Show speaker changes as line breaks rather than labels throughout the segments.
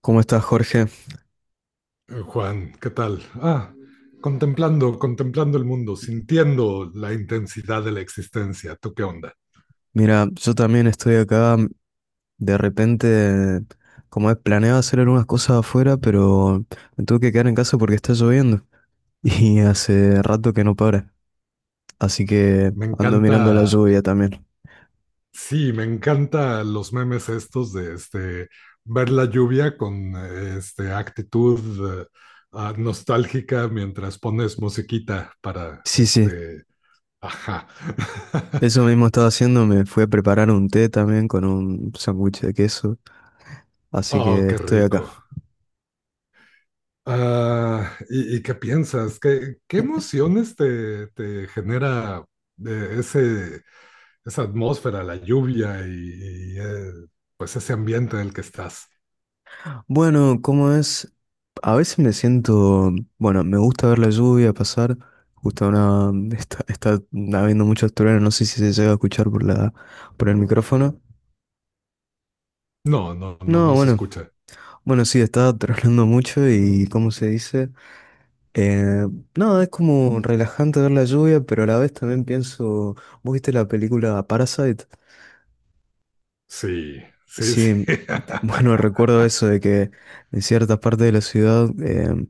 ¿Cómo estás, Jorge?
Juan, ¿qué tal? Contemplando el mundo, sintiendo la intensidad de la existencia. ¿Tú qué onda?
Mira, yo también estoy acá. De repente, como es, planeado hacer algunas cosas afuera, pero me tuve que quedar en casa porque está lloviendo. Y hace rato que no para. Así que
Me
ando mirando la
encanta,
lluvia también.
sí, me encanta los memes estos ver la lluvia con actitud nostálgica mientras pones musiquita
Sí, sí.
ajá.
Eso mismo estaba haciendo. Me fui a preparar un té también con un sándwich de queso. Así
Oh,
que
qué
estoy acá.
rico. ¿Y qué piensas? ¿Qué emociones te genera eh, ese, esa atmósfera, la lluvia y pues ese ambiente en el que estás?
Bueno, ¿cómo es? A veces me siento, bueno, me gusta ver la lluvia pasar, justo una, está habiendo muchos truenos, no sé si se llega a escuchar por la, por el micrófono.
No,
No,
no se
bueno,
escucha.
bueno, sí, está tronando mucho y, ¿cómo se dice? Eh, no, es como relajante ver la lluvia, pero a la vez también pienso, ¿vos viste la película Parasite?
Sí, sí, sí.
Sí, bueno, recuerdo eso de que en ciertas partes de la ciudad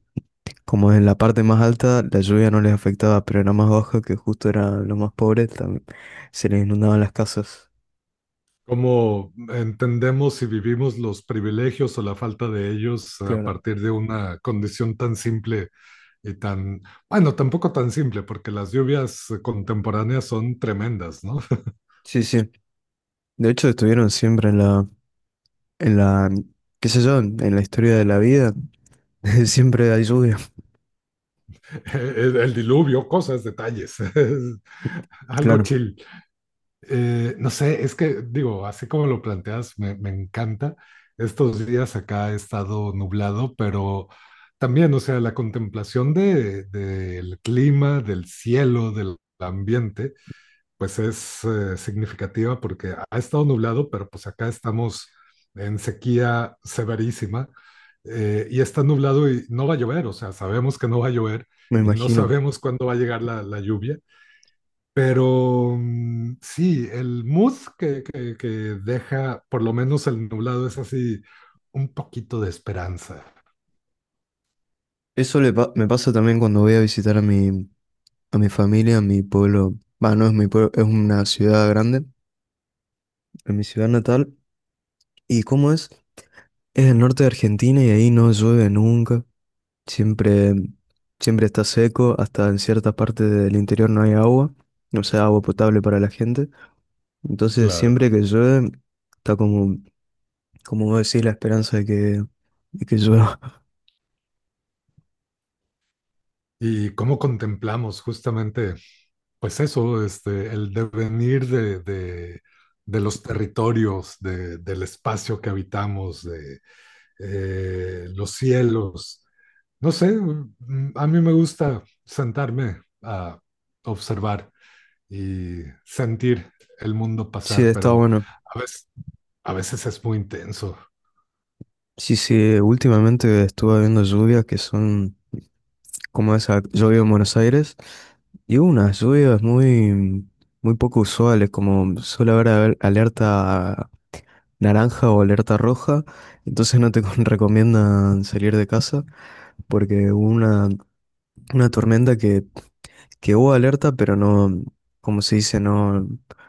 como en la parte más alta la lluvia no les afectaba, pero en la más baja que justo eran los más pobres, también se les inundaban las casas.
¿Cómo entendemos y vivimos los privilegios o la falta de ellos a
Claro.
partir de una condición tan simple y tan, bueno, tampoco tan simple, porque las lluvias contemporáneas son tremendas, ¿no?
Sí, sí. De hecho estuvieron siempre en la, qué sé yo, en la historia de la vida, siempre hay lluvia.
El diluvio, cosas, detalles, algo
Claro,
chill. No sé, es que digo, así como lo planteas, me encanta. Estos días acá ha estado nublado, pero también, o sea, la contemplación del clima, del cielo, del ambiente, pues es significativa porque ha estado nublado, pero pues acá estamos en sequía severísima y está nublado y no va a llover, o sea, sabemos que no va a llover
me
y no
imagino.
sabemos cuándo va a llegar la lluvia, pero sí, el mood que deja por lo menos el nublado es así un poquito de esperanza.
Eso me pasa también cuando voy a visitar a mi familia, a mi pueblo. Va, no es mi pueblo, es una ciudad grande, en mi ciudad natal. ¿Y cómo es? Es el norte de Argentina y ahí no llueve nunca. Siempre, siempre está seco, hasta en ciertas partes del interior no hay agua, no sea agua potable para la gente. Entonces,
Claro.
siempre que llueve, está como, como vos decís, la esperanza de que llueva.
Y cómo contemplamos justamente pues eso, este, el devenir de los territorios, del espacio que habitamos, de los cielos. No sé, a mí me gusta sentarme a observar y sentir el mundo
Sí,
pasar,
está
pero
bueno.
a veces, a veces es muy intenso.
Sí, sí, últimamente estuve viendo lluvias que son como esa lluvia en Buenos Aires, y hubo unas lluvias muy, muy poco usuales, como suele haber alerta naranja o alerta roja, entonces no te recomiendan salir de casa, porque hubo una tormenta que hubo alerta, pero no, como se dice, no,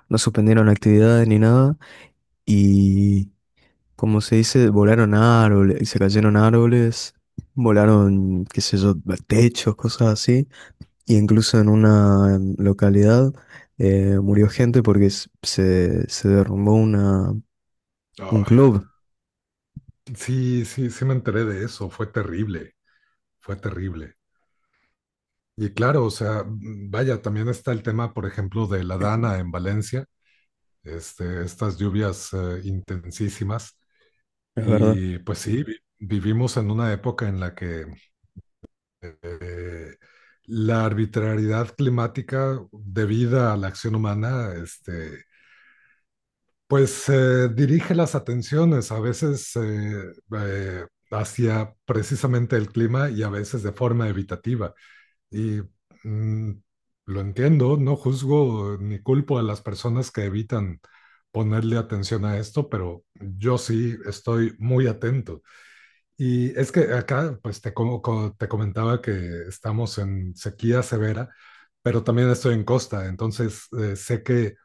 no suspendieron actividades ni nada. Y como se dice, volaron árboles, se cayeron árboles, volaron, qué sé yo, techos, cosas así. Y incluso en una localidad murió gente porque se derrumbó una, un
Oh,
club,
sí, sí, sí me enteré de eso, fue terrible, fue terrible. Y claro, o sea, vaya, también está el tema, por ejemplo, de la Dana en Valencia, este, estas lluvias intensísimas.
es verdad.
Y pues sí, vivimos en una época en la que eh, la arbitrariedad climática debida a la acción humana, este, pues dirige las atenciones a veces eh, hacia precisamente el clima y a veces de forma evitativa. Y mm, lo entiendo, no juzgo ni culpo a las personas que evitan ponerle atención a esto, pero yo sí estoy muy atento. Y es que acá, pues te, te comentaba que estamos en sequía severa, pero también estoy en costa, entonces sé que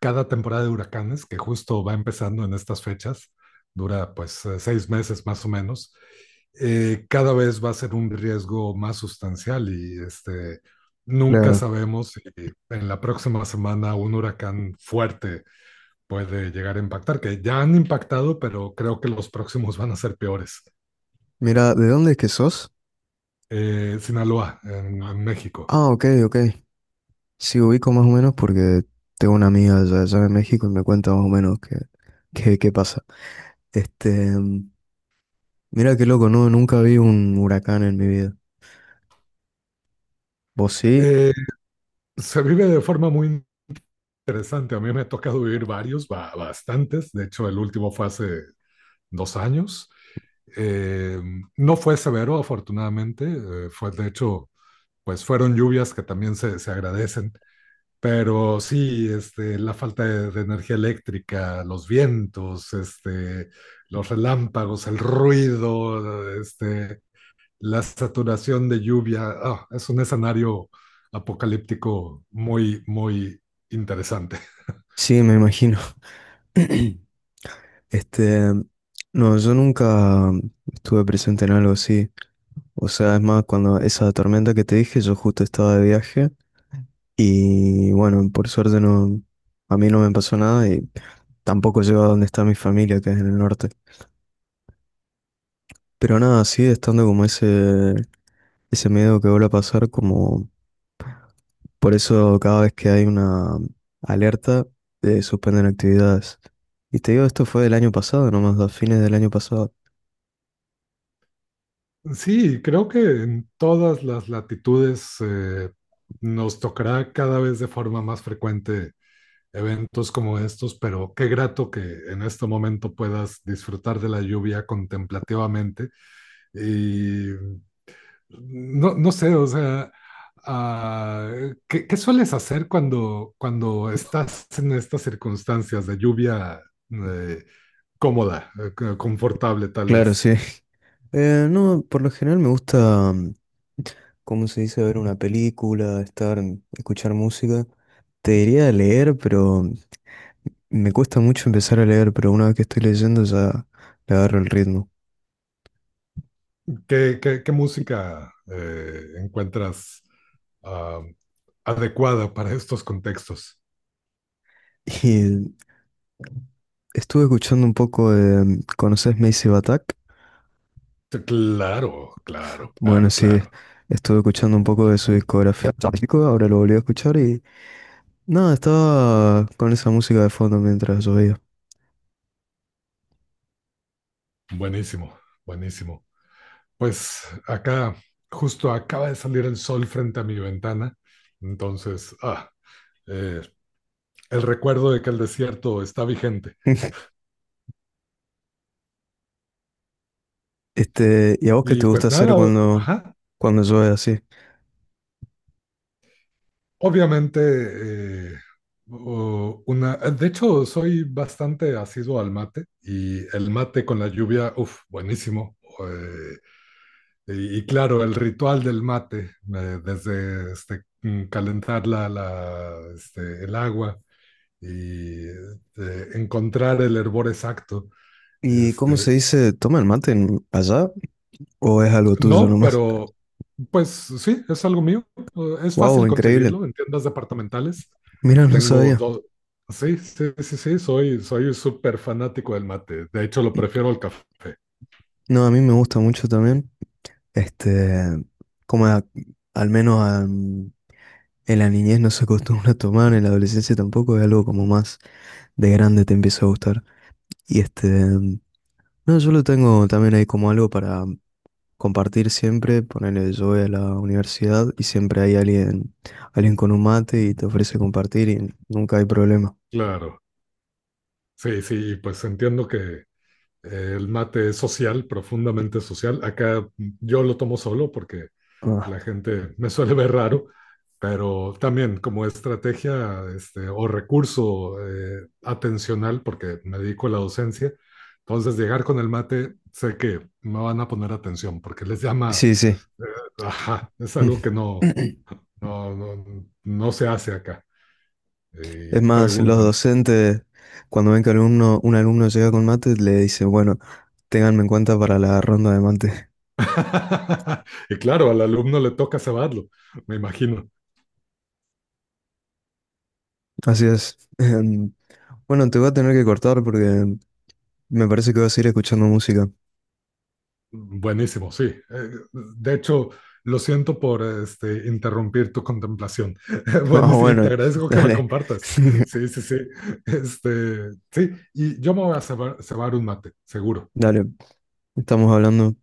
cada temporada de huracanes, que justo va empezando en estas fechas, dura pues 6 meses más o menos, cada vez va a ser un riesgo más sustancial y este, nunca
Claro.
sabemos si en la próxima semana un huracán fuerte puede llegar a impactar, que ya han impactado, pero creo que los próximos van a ser peores.
Mira, ¿de dónde es que sos?
Sinaloa, en México.
Ah, ok, ok. Sí, ubico más o menos porque tengo una amiga allá, allá en México y me cuenta más o menos qué pasa. Este, mm, mira qué loco, no, nunca vi un huracán en mi vida. ¿Vos sí?
Eh, se vive de forma muy interesante. A mí me ha tocado vivir varios, ba bastantes. De hecho, el último fue hace 2 años. Eh, no fue severo, afortunadamente, fue de hecho, pues fueron lluvias que también se agradecen, pero sí, este, la falta de energía eléctrica, los vientos, este, los relámpagos, el ruido, este, la saturación de lluvia, ah, es un escenario apocalíptico muy, muy interesante.
Sí, me imagino. Este, mm, no, yo nunca estuve presente en algo así. O sea, es más, cuando esa tormenta que te dije, yo justo estaba de viaje y bueno, por suerte no, a mí no me pasó nada y tampoco llego a donde está mi familia, que es en el norte. Pero nada, sigue estando como ese miedo que vuelve a pasar, como por eso cada vez que hay una alerta, suspenden actividades. Y te digo, esto fue del año pasado, nomás, a fines del año pasado.
Sí, creo que en todas las latitudes nos tocará cada vez de forma más frecuente eventos como estos, pero qué grato que en este momento puedas disfrutar de la lluvia contemplativamente. Y no, no sé, o sea, ah, ¿qué sueles hacer cuando, cuando estás en estas circunstancias de lluvia eh, cómoda, confortable tal vez?
Claro, sí. No, por lo general me gusta, mm, ¿cómo se dice? Ver una película, estar, mm, escuchar música. Te diría leer, pero me cuesta mucho empezar a leer, pero una vez que estoy leyendo ya le agarro el ritmo.
¿Qué música encuentras ah, adecuada para estos contextos?
y estuve escuchando un poco de... ¿Conoces Massive Attack?
Sí, claro, claro,
Bueno,
claro,
sí,
claro.
estuve escuchando un poco de su discografía. Chico, ahora lo volví a escuchar y... Nada, estaba con esa música de fondo mientras llovía.
Buenísimo, buenísimo. Pues acá justo acaba de salir el sol frente a mi ventana, entonces, eh, el recuerdo de que el desierto está vigente.
Este, ¿y a vos qué
Y
te gusta
pues
hacer
nada,
cuando,
ajá,
cuando llueve así?
obviamente, eh, una, de hecho, soy bastante asiduo al mate y el mate con la lluvia, uff, buenísimo. Y claro, el ritual del mate, desde este, calentar este, el agua y encontrar el hervor exacto.
¿Y cómo se
Este,
dice? ¿Toma el mate en- allá? O es algo tuyo
no,
nomás.
pero pues sí, es algo mío. Es
Wow,
fácil
increíble.
conseguirlo en tiendas departamentales.
Mira, no
Tengo
sabía.
dos. Sí, sí, soy súper fanático del mate. De hecho, lo prefiero al café.
No, a mí me gusta mucho también. Este, como al menos en la niñez no se acostumbra a tomar, en la adolescencia tampoco, es algo como más de grande te empieza a gustar. Y este, no, yo lo tengo también ahí como algo para compartir siempre. Ponerle yo voy a la universidad y siempre hay alguien, alguien con un mate y te ofrece compartir y nunca hay problema.
Claro. Sí, sí, y pues entiendo que el mate es social, profundamente social. Acá yo lo tomo solo porque
Ah,
la gente me suele ver raro, pero también como estrategia este, o recurso atencional, porque me dedico a la docencia. Entonces, llegar con el mate, sé que me van a poner atención porque les llama,
sí, sí.
eh, ajá, es algo que no. No, no, no se hace acá.
Es
Y
más, los
preguntan.
docentes, cuando ven que alumno, un alumno llega con mate, le dicen, bueno, ténganme en cuenta para la ronda de mate.
Y claro, al alumno le toca cebarlo, me imagino.
Así es. Em, bueno, te voy a tener que cortar porque me parece que vas a ir escuchando música.
Buenísimo, sí. De hecho, lo siento por este, interrumpir tu contemplación.
Ah,
Buenísimo, y te
bueno,
agradezco que me
dale.
compartas. Sí, sí, sí. Este, sí, y yo me voy a cebar, cebar un mate, seguro.
Dale, estamos hablando.